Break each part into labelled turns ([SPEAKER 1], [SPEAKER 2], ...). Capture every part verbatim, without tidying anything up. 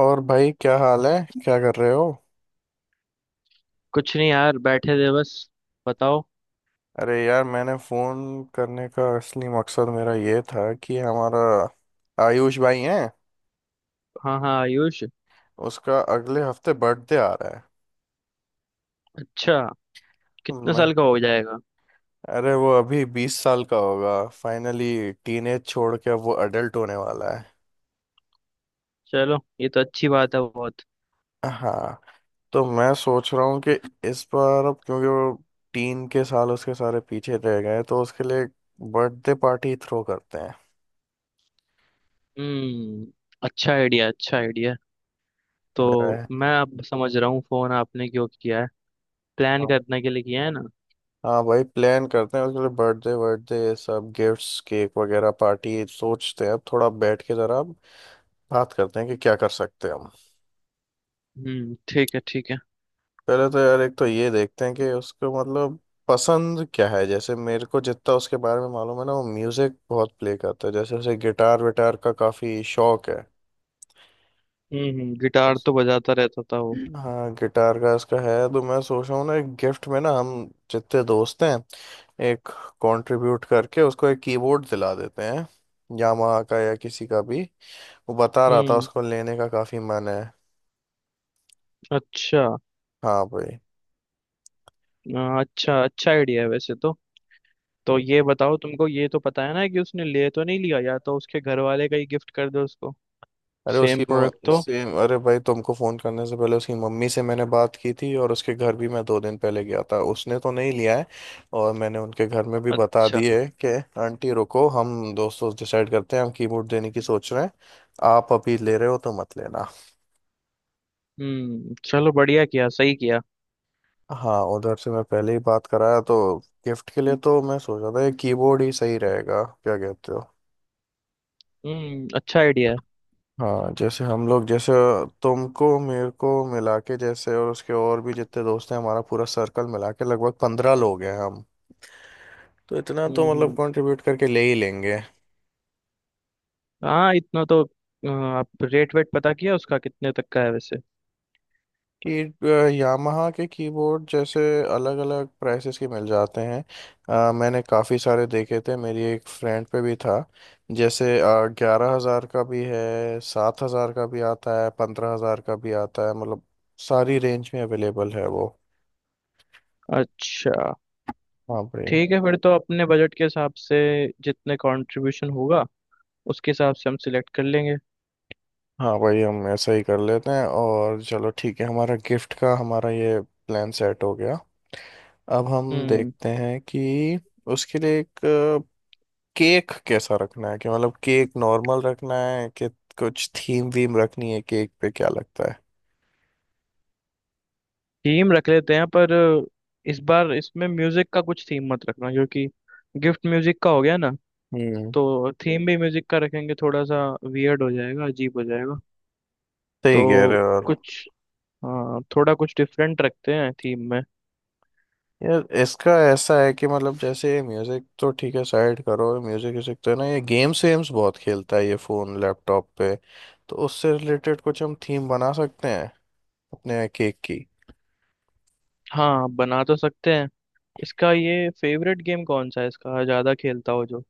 [SPEAKER 1] और भाई क्या हाल है। क्या कर रहे हो।
[SPEAKER 2] कुछ नहीं यार, बैठे थे बस। बताओ।
[SPEAKER 1] अरे यार, मैंने फ़ोन करने का असली मकसद मेरा ये था कि हमारा आयुष भाई हैं,
[SPEAKER 2] हाँ हाँ, आयुष।
[SPEAKER 1] उसका अगले हफ्ते बर्थडे आ रहा है।
[SPEAKER 2] अच्छा।
[SPEAKER 1] तो
[SPEAKER 2] कितने
[SPEAKER 1] मैं
[SPEAKER 2] साल का हो जाएगा?
[SPEAKER 1] अरे वो अभी बीस साल का होगा फाइनली। टीनेज छोड़ के अब वो अडल्ट होने वाला है।
[SPEAKER 2] चलो ये तो अच्छी बात है बहुत।
[SPEAKER 1] हाँ, तो मैं सोच रहा हूँ कि इस बार, अब क्योंकि वो टीन के साल उसके सारे पीछे रह गए, तो उसके लिए बर्थडे पार्टी थ्रो करते हैं।
[SPEAKER 2] हम्म अच्छा आइडिया, अच्छा आइडिया।
[SPEAKER 1] मेरा
[SPEAKER 2] तो
[SPEAKER 1] है
[SPEAKER 2] मैं अब समझ रहा हूँ फोन आपने क्यों किया है। प्लान
[SPEAKER 1] हाँ।
[SPEAKER 2] करने के लिए किया है ना?
[SPEAKER 1] हाँ भाई, प्लान करते हैं उसके लिए। बर्थडे, बर्थडे ये सब, गिफ्ट्स, केक वगैरह, पार्टी सोचते हैं। अब थोड़ा बैठ के जरा बात करते हैं कि क्या कर सकते हैं हम।
[SPEAKER 2] हम्म ठीक है, ठीक है।
[SPEAKER 1] पहले तो यार एक तो ये देखते हैं कि उसको मतलब पसंद क्या है। जैसे मेरे को जितना उसके बारे में मालूम है ना, वो म्यूजिक बहुत प्ले करता है, जैसे उसे गिटार विटार का काफी शौक है।
[SPEAKER 2] हम्म हम्म, गिटार तो बजाता रहता था वो।
[SPEAKER 1] हाँ गिटार का इसका है, तो मैं सोच रहा हूँ ना, एक गिफ्ट में ना हम जितने दोस्त हैं, एक कंट्रीब्यूट करके उसको एक कीबोर्ड दिला देते हैं, यामाहा का या किसी का भी। वो बता रहा था
[SPEAKER 2] हम्म।
[SPEAKER 1] उसको लेने का काफी मन है।
[SPEAKER 2] अच्छा।
[SPEAKER 1] हाँ भाई।
[SPEAKER 2] अ, अच्छा, अच्छा आइडिया है वैसे तो। तो ये बताओ, तुमको ये तो पता है ना कि उसने ले तो नहीं लिया? या तो उसके घर वाले का ही गिफ्ट कर दो उसको,
[SPEAKER 1] अरे उसकी
[SPEAKER 2] सेम
[SPEAKER 1] मो-
[SPEAKER 2] प्रोडक्ट तो।
[SPEAKER 1] इससे अरे भाई तुमको फोन करने से पहले उसकी मम्मी से मैंने बात की थी, और उसके घर भी मैं दो दिन पहले गया था, उसने तो नहीं लिया है। और मैंने उनके घर में भी बता
[SPEAKER 2] अच्छा।
[SPEAKER 1] दिए कि आंटी रुको, हम दोस्त दोस्त डिसाइड करते हैं, हम कीमोड देने की सोच रहे हैं, आप अभी ले रहे हो तो मत लेना।
[SPEAKER 2] हम्म चलो, बढ़िया किया, सही किया।
[SPEAKER 1] हाँ उधर से मैं पहले ही बात कराया, तो गिफ्ट के लिए तो मैं सोच रहा था ये कीबोर्ड ही सही रहेगा, क्या कहते हो।
[SPEAKER 2] हम्म अच्छा आइडिया है।
[SPEAKER 1] हाँ जैसे हम लोग, जैसे तुमको मेरे को मिला के, जैसे और उसके और भी जितने दोस्त हैं, हमारा पूरा सर्कल मिला के लगभग पंद्रह लोग हैं हम। तो इतना
[SPEAKER 2] हम्म
[SPEAKER 1] तो मतलब
[SPEAKER 2] हम्म,
[SPEAKER 1] कंट्रीब्यूट करके ले ही लेंगे।
[SPEAKER 2] हाँ, इतना तो। अ, आप रेट वेट पता किया उसका कितने तक का है वैसे?
[SPEAKER 1] कि अ, यामाहा के कीबोर्ड जैसे अलग अलग प्राइसेस के मिल जाते हैं। अ, मैंने काफ़ी सारे देखे थे, मेरी एक फ्रेंड पे भी था। जैसे ग्यारह हज़ार का भी है, सात हज़ार का भी आता है, पंद्रह हज़ार का भी आता है, मतलब सारी रेंज में अवेलेबल है वो।
[SPEAKER 2] अच्छा।
[SPEAKER 1] हाँ भाई।
[SPEAKER 2] ठीक है, फिर तो अपने बजट के हिसाब से जितने कंट्रीब्यूशन होगा उसके हिसाब से हम सिलेक्ट कर लेंगे।
[SPEAKER 1] हाँ वही, हम ऐसा ही कर लेते हैं, और चलो ठीक है, हमारा गिफ्ट का हमारा ये प्लान सेट हो गया। अब हम
[SPEAKER 2] हम्म।
[SPEAKER 1] देखते हैं कि उसके लिए एक केक कैसा रखना है, कि मतलब केक नॉर्मल रखना है कि कुछ थीम वीम रखनी है केक पे, क्या लगता है।
[SPEAKER 2] थीम रख लेते हैं, पर इस बार इसमें म्यूजिक का कुछ थीम मत रखना क्योंकि गिफ्ट म्यूजिक का हो गया ना।
[SPEAKER 1] हम्म,
[SPEAKER 2] तो थीम भी म्यूजिक का रखेंगे थोड़ा सा, वियर्ड हो जाएगा, अजीब हो जाएगा।
[SPEAKER 1] सही कह
[SPEAKER 2] तो
[SPEAKER 1] रहे हो यार।
[SPEAKER 2] कुछ, हाँ थोड़ा कुछ डिफरेंट रखते हैं थीम में।
[SPEAKER 1] यार इसका ऐसा है कि मतलब जैसे म्यूजिक तो ठीक है साइड करो, म्यूजिक व्यूजिक तो है ना, ये गेम्स वेम्स बहुत खेलता है ये, फोन लैपटॉप पे। तो उससे रिलेटेड कुछ हम थीम बना सकते हैं अपने केक की।
[SPEAKER 2] हाँ, बना तो सकते हैं। इसका ये फेवरेट गेम कौन सा है? इसका ज्यादा खेलता हो जो।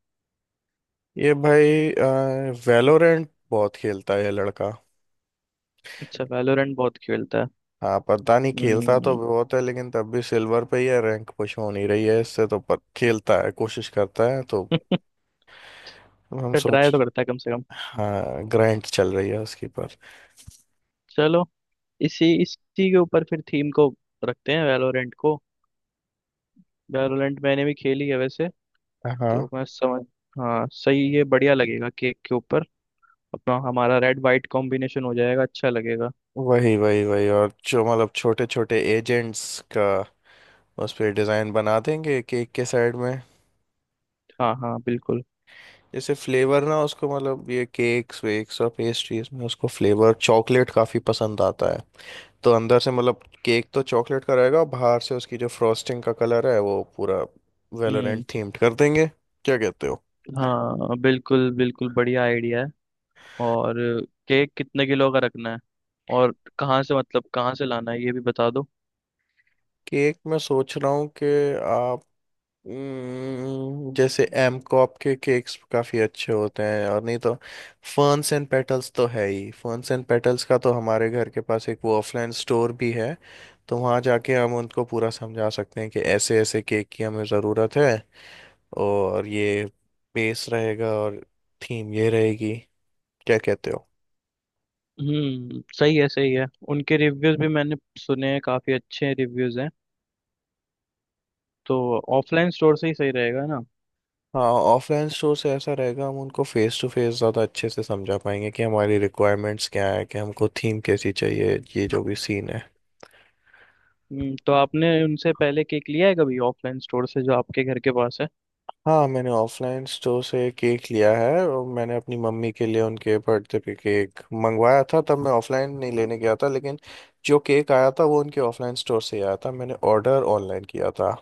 [SPEAKER 1] ये भाई वेलोरेंट बहुत खेलता है ये लड़का।
[SPEAKER 2] अच्छा, वैलोरेंट बहुत खेलता है।
[SPEAKER 1] हाँ पता नहीं, खेलता तो
[SPEAKER 2] हम्म।
[SPEAKER 1] बहुत है लेकिन तब भी सिल्वर पे ही है, रैंक पुश हो नहीं रही है इससे, तो पर खेलता है, कोशिश करता है तो। हम सोच
[SPEAKER 2] ट्राई तो करता है कम से कम।
[SPEAKER 1] हाँ ग्राइंड चल रही है उसकी पर।
[SPEAKER 2] चलो, इसी इसी के ऊपर फिर थीम को रखते हैं, वैलोरेंट को। वैलोरेंट मैंने भी खेली है वैसे, तो
[SPEAKER 1] हाँ
[SPEAKER 2] मैं समझ। हाँ सही, ये बढ़िया लगेगा केक के ऊपर। अपना हमारा रेड वाइट कॉम्बिनेशन हो जाएगा, अच्छा लगेगा।
[SPEAKER 1] वही वही वही, और जो मतलब छोटे छोटे एजेंट्स का उस पे डिजाइन बना देंगे केक के साइड में।
[SPEAKER 2] हाँ हाँ बिल्कुल।
[SPEAKER 1] जैसे फ्लेवर ना उसको, मतलब ये केक्स वेक्स और पेस्ट्रीज में, उसको फ्लेवर चॉकलेट काफी पसंद आता है। तो अंदर से मतलब केक तो चॉकलेट का रहेगा, और बाहर से उसकी जो फ्रॉस्टिंग का कलर है वो पूरा वेलोरेंट
[SPEAKER 2] हम्म।
[SPEAKER 1] थीम्ड कर देंगे। क्या कहते हो।
[SPEAKER 2] हाँ बिल्कुल बिल्कुल, बढ़िया आइडिया है। और केक कितने किलो का रखना है? और कहाँ से, मतलब कहाँ से लाना है ये भी बता दो।
[SPEAKER 1] केक मैं सोच रहा हूँ कि आप हम्म, जैसे एम कॉप के केक्स काफ़ी अच्छे होते हैं, और नहीं तो फर्न्स एंड पेटल्स तो है ही, फर्न्स एंड पेटल्स का तो हमारे घर के पास एक वो ऑफलाइन स्टोर भी है। तो वहाँ जाके हम उनको पूरा समझा सकते हैं कि ऐसे ऐसे केक की हमें ज़रूरत है, और ये बेस रहेगा और थीम ये रहेगी। क्या कहते हो।
[SPEAKER 2] हम्म सही है, सही है। उनके रिव्यूज भी मैंने सुने हैं, काफी अच्छे रिव्यूज हैं। तो ऑफलाइन स्टोर से ही सही रहेगा ना?
[SPEAKER 1] हाँ ऑफलाइन स्टोर से ऐसा रहेगा, हम उनको फेस टू फेस ज़्यादा अच्छे से समझा पाएंगे कि हमारी रिक्वायरमेंट्स क्या है, कि हमको थीम कैसी चाहिए, ये जो भी सीन है।
[SPEAKER 2] हम्म तो आपने उनसे पहले केक लिया है कभी ऑफलाइन स्टोर से जो आपके घर के पास है?
[SPEAKER 1] हाँ मैंने ऑफलाइन स्टोर से केक लिया है, और मैंने अपनी मम्मी के लिए उनके बर्थडे पे केक मंगवाया था, तब मैं ऑफलाइन नहीं लेने गया था, लेकिन जो केक आया था वो उनके ऑफलाइन स्टोर से ही आया था, मैंने ऑर्डर ऑनलाइन किया था।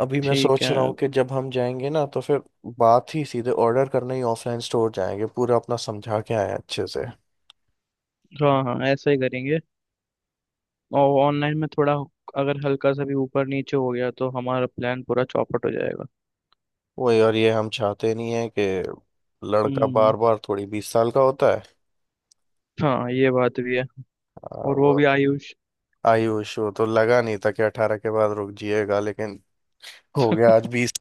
[SPEAKER 1] अभी मैं
[SPEAKER 2] ठीक
[SPEAKER 1] सोच
[SPEAKER 2] है।
[SPEAKER 1] रहा हूँ कि जब हम जाएंगे ना, तो फिर बात ही सीधे, ऑर्डर करने ही ऑफलाइन स्टोर जाएंगे, पूरा अपना समझा के आए अच्छे से।
[SPEAKER 2] हाँ हाँ, ऐसा ही करेंगे। और ऑनलाइन में थोड़ा अगर हल्का सा भी ऊपर नीचे हो गया तो हमारा प्लान पूरा चौपट हो जाएगा।
[SPEAKER 1] वही, और ये हम चाहते नहीं है कि, लड़का
[SPEAKER 2] हम्म
[SPEAKER 1] बार बार थोड़ी बीस साल का होता है।
[SPEAKER 2] हाँ ये बात भी है।
[SPEAKER 1] आ,
[SPEAKER 2] और वो
[SPEAKER 1] वो
[SPEAKER 2] भी आयुष।
[SPEAKER 1] आयु इशू तो लगा नहीं था कि अठारह के बाद रुक जिएगा लेकिन हो गया आज बीस।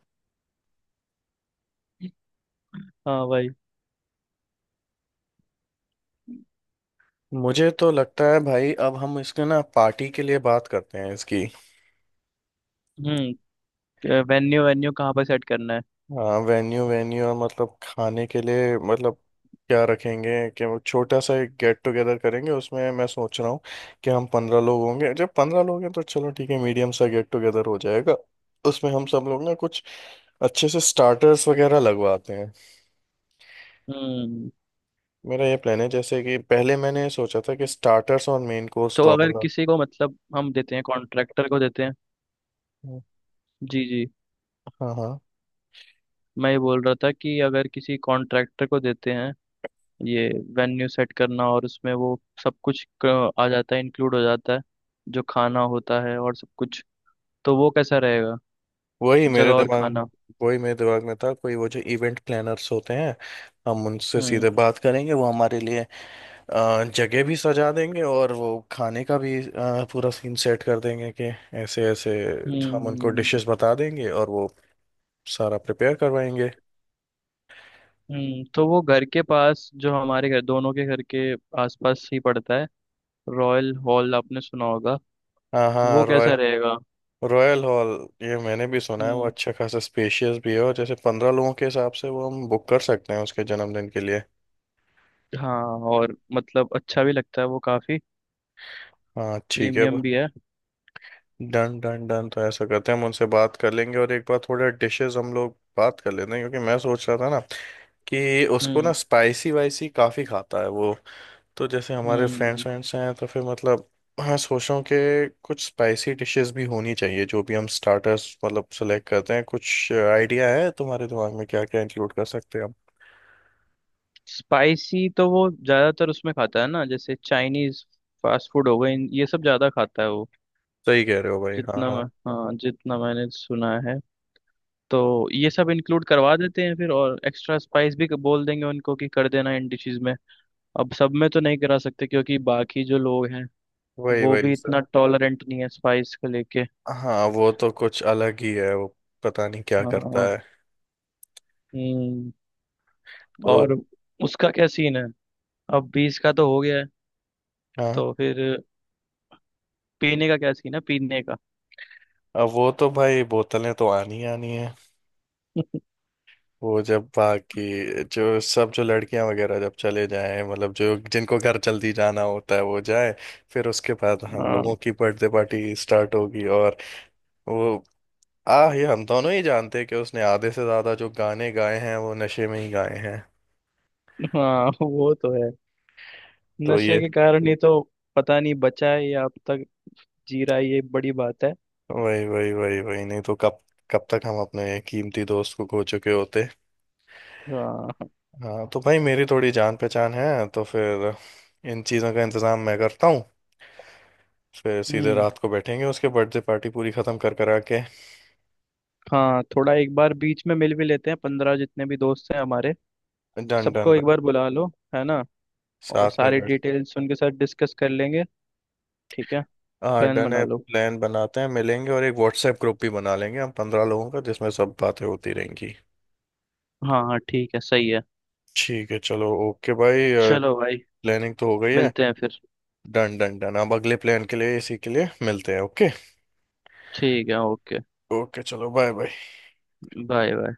[SPEAKER 2] हाँ भाई।
[SPEAKER 1] मुझे तो लगता है भाई अब हम इसके ना पार्टी के लिए बात करते हैं इसकी।
[SPEAKER 2] हम्म। वेन्यू वेन्यू कहाँ पर सेट करना है?
[SPEAKER 1] हाँ वेन्यू वेन्यू, और मतलब खाने के लिए मतलब क्या रखेंगे। कि वो छोटा सा एक गेट टुगेदर करेंगे, उसमें मैं सोच रहा हूँ कि हम पंद्रह लोग होंगे, जब पंद्रह लोग हैं तो चलो ठीक है, मीडियम सा गेट टुगेदर हो जाएगा। उसमें हम सब लोग ना कुछ अच्छे से स्टार्टर्स वगैरह लगवाते हैं।
[SPEAKER 2] हम्म
[SPEAKER 1] मेरा ये प्लान है, जैसे कि पहले मैंने ये सोचा था कि स्टार्टर्स और मेन कोर्स
[SPEAKER 2] तो
[SPEAKER 1] दोनों
[SPEAKER 2] अगर
[SPEAKER 1] लग-
[SPEAKER 2] किसी को, मतलब हम देते हैं कॉन्ट्रैक्टर को देते हैं। जी जी।
[SPEAKER 1] हाँ हाँ।
[SPEAKER 2] मैं ये बोल रहा था कि अगर किसी कॉन्ट्रैक्टर को देते हैं ये वेन्यू सेट करना, और उसमें वो सब कुछ क- आ जाता है, इंक्लूड हो जाता है जो खाना होता है और सब कुछ। तो वो कैसा रहेगा,
[SPEAKER 1] वही
[SPEAKER 2] जगह
[SPEAKER 1] मेरे
[SPEAKER 2] और
[SPEAKER 1] दिमाग
[SPEAKER 2] खाना?
[SPEAKER 1] वही मेरे दिमाग में था, कोई वो जो इवेंट प्लानर्स होते हैं, हम उनसे सीधे
[SPEAKER 2] हम्म
[SPEAKER 1] बात करेंगे, वो हमारे लिए अ, जगह भी सजा देंगे, और वो खाने का भी अ, पूरा सीन सेट कर देंगे कि ऐसे ऐसे, हम उनको
[SPEAKER 2] हम्म
[SPEAKER 1] डिशेस बता देंगे और वो सारा प्रिपेयर करवाएंगे।
[SPEAKER 2] हम्म तो वो घर के पास जो हमारे घर, दोनों के घर के आसपास ही पड़ता है, रॉयल हॉल आपने सुना होगा?
[SPEAKER 1] हाँ
[SPEAKER 2] वो
[SPEAKER 1] हाँ रॉय
[SPEAKER 2] कैसा रहेगा?
[SPEAKER 1] रॉयल हॉल ये मैंने भी सुना है, वो अच्छा खासा स्पेशियस भी है, और जैसे पंद्रह लोगों के हिसाब से वो हम बुक कर सकते हैं उसके जन्मदिन के लिए।
[SPEAKER 2] हाँ, और मतलब अच्छा भी लगता है वो काफी,
[SPEAKER 1] हाँ ठीक है।
[SPEAKER 2] प्रीमियम भी है।
[SPEAKER 1] डन डन डन, तो ऐसा करते हैं, हम उनसे बात कर लेंगे, और एक बार थोड़े डिशेस हम लोग बात कर लेते हैं क्योंकि मैं सोच रहा था ना कि उसको
[SPEAKER 2] हम्म
[SPEAKER 1] ना स्पाइसी वाइसी काफ़ी खाता है वो। तो जैसे हमारे
[SPEAKER 2] हम्म
[SPEAKER 1] फ्रेंड्स वेंड्स हैं, तो फिर मतलब हाँ सोचो कि कुछ स्पाइसी डिशेस भी होनी चाहिए जो भी हम स्टार्टर्स मतलब सेलेक्ट करते हैं। कुछ आइडिया है तुम्हारे दिमाग में, क्या क्या इंक्लूड कर सकते हैं हम।
[SPEAKER 2] स्पाइसी तो वो ज्यादातर उसमें खाता है ना, जैसे चाइनीज, फास्ट फूड हो गए, इन- ये सब ज्यादा खाता है वो।
[SPEAKER 1] सही कह रहे हो भाई, हाँ
[SPEAKER 2] जितना
[SPEAKER 1] हाँ।
[SPEAKER 2] मैं हाँ, जितना मैंने सुना है। तो ये सब इंक्लूड करवा देते हैं फिर, और एक्स्ट्रा स्पाइस भी बोल देंगे उनको कि कर देना इन डिशेस में। अब सब में तो नहीं करा सकते क्योंकि बाकी जो लोग हैं
[SPEAKER 1] वही
[SPEAKER 2] वो
[SPEAKER 1] वही
[SPEAKER 2] भी
[SPEAKER 1] सर।
[SPEAKER 2] इतना टॉलरेंट नहीं है स्पाइस को लेके।
[SPEAKER 1] हाँ वो तो कुछ अलग ही है वो, पता नहीं क्या करता
[SPEAKER 2] हाँ।
[SPEAKER 1] है।
[SPEAKER 2] हम्म।
[SPEAKER 1] तो
[SPEAKER 2] और उसका क्या सीन है? अब बीस का तो हो गया है,
[SPEAKER 1] हाँ,
[SPEAKER 2] तो फिर पीने का क्या सीन है, पीने का?
[SPEAKER 1] अब वो तो भाई बोतलें तो आनी ही आनी है। वो जब बाकी जो सब, जो लड़कियां वगैरह जब चले जाएं, मतलब जो जिनको घर जल्दी जाना होता है वो जाए, फिर उसके बाद हम
[SPEAKER 2] हाँ
[SPEAKER 1] लोगों की बर्थडे पार्टी स्टार्ट होगी। और वो आ ये हम दोनों ही जानते हैं कि उसने आधे से ज्यादा जो गाने गाए हैं वो नशे में ही गाए हैं।
[SPEAKER 2] हाँ, वो तो है।
[SPEAKER 1] तो
[SPEAKER 2] नशे
[SPEAKER 1] ये
[SPEAKER 2] के कारण ही तो, पता नहीं बचा है या अब तक जी रहा है, ये बड़ी बात है।
[SPEAKER 1] वही वही वही वही, नहीं तो कब, कब तक हम अपने कीमती दोस्त को खो चुके होते।
[SPEAKER 2] हाँ।
[SPEAKER 1] हाँ तो भाई, मेरी थोड़ी जान पहचान है तो फिर इन चीज़ों का इंतजाम मैं करता हूँ। फिर सीधे
[SPEAKER 2] हम्म
[SPEAKER 1] रात को बैठेंगे उसके बर्थडे पार्टी पूरी खत्म कर करा के।
[SPEAKER 2] हाँ थोड़ा एक बार बीच में मिल भी लेते हैं, पंद्रह जितने भी दोस्त हैं हमारे
[SPEAKER 1] डन डन
[SPEAKER 2] सबको एक
[SPEAKER 1] भाई,
[SPEAKER 2] बार बुला लो, है ना? और
[SPEAKER 1] साथ में
[SPEAKER 2] सारी
[SPEAKER 1] बैठ
[SPEAKER 2] डिटेल्स उनके साथ डिस्कस कर लेंगे। ठीक है,
[SPEAKER 1] हाँ
[SPEAKER 2] प्लान
[SPEAKER 1] डन
[SPEAKER 2] बना
[SPEAKER 1] है।
[SPEAKER 2] लो।
[SPEAKER 1] प्लान बनाते हैं, मिलेंगे, और एक व्हाट्सएप ग्रुप भी बना लेंगे हम पंद्रह लोगों का, जिसमें सब बातें होती रहेंगी।
[SPEAKER 2] हाँ हाँ ठीक है, सही है।
[SPEAKER 1] ठीक है चलो ओके भाई।
[SPEAKER 2] चलो भाई,
[SPEAKER 1] प्लानिंग तो हो गई है।
[SPEAKER 2] मिलते हैं फिर।
[SPEAKER 1] डन डन डन, अब अगले प्लान के लिए इसी के लिए मिलते हैं, ओके।
[SPEAKER 2] ठीक है, ओके।
[SPEAKER 1] ओके चलो बाय बाय।
[SPEAKER 2] Bye bye.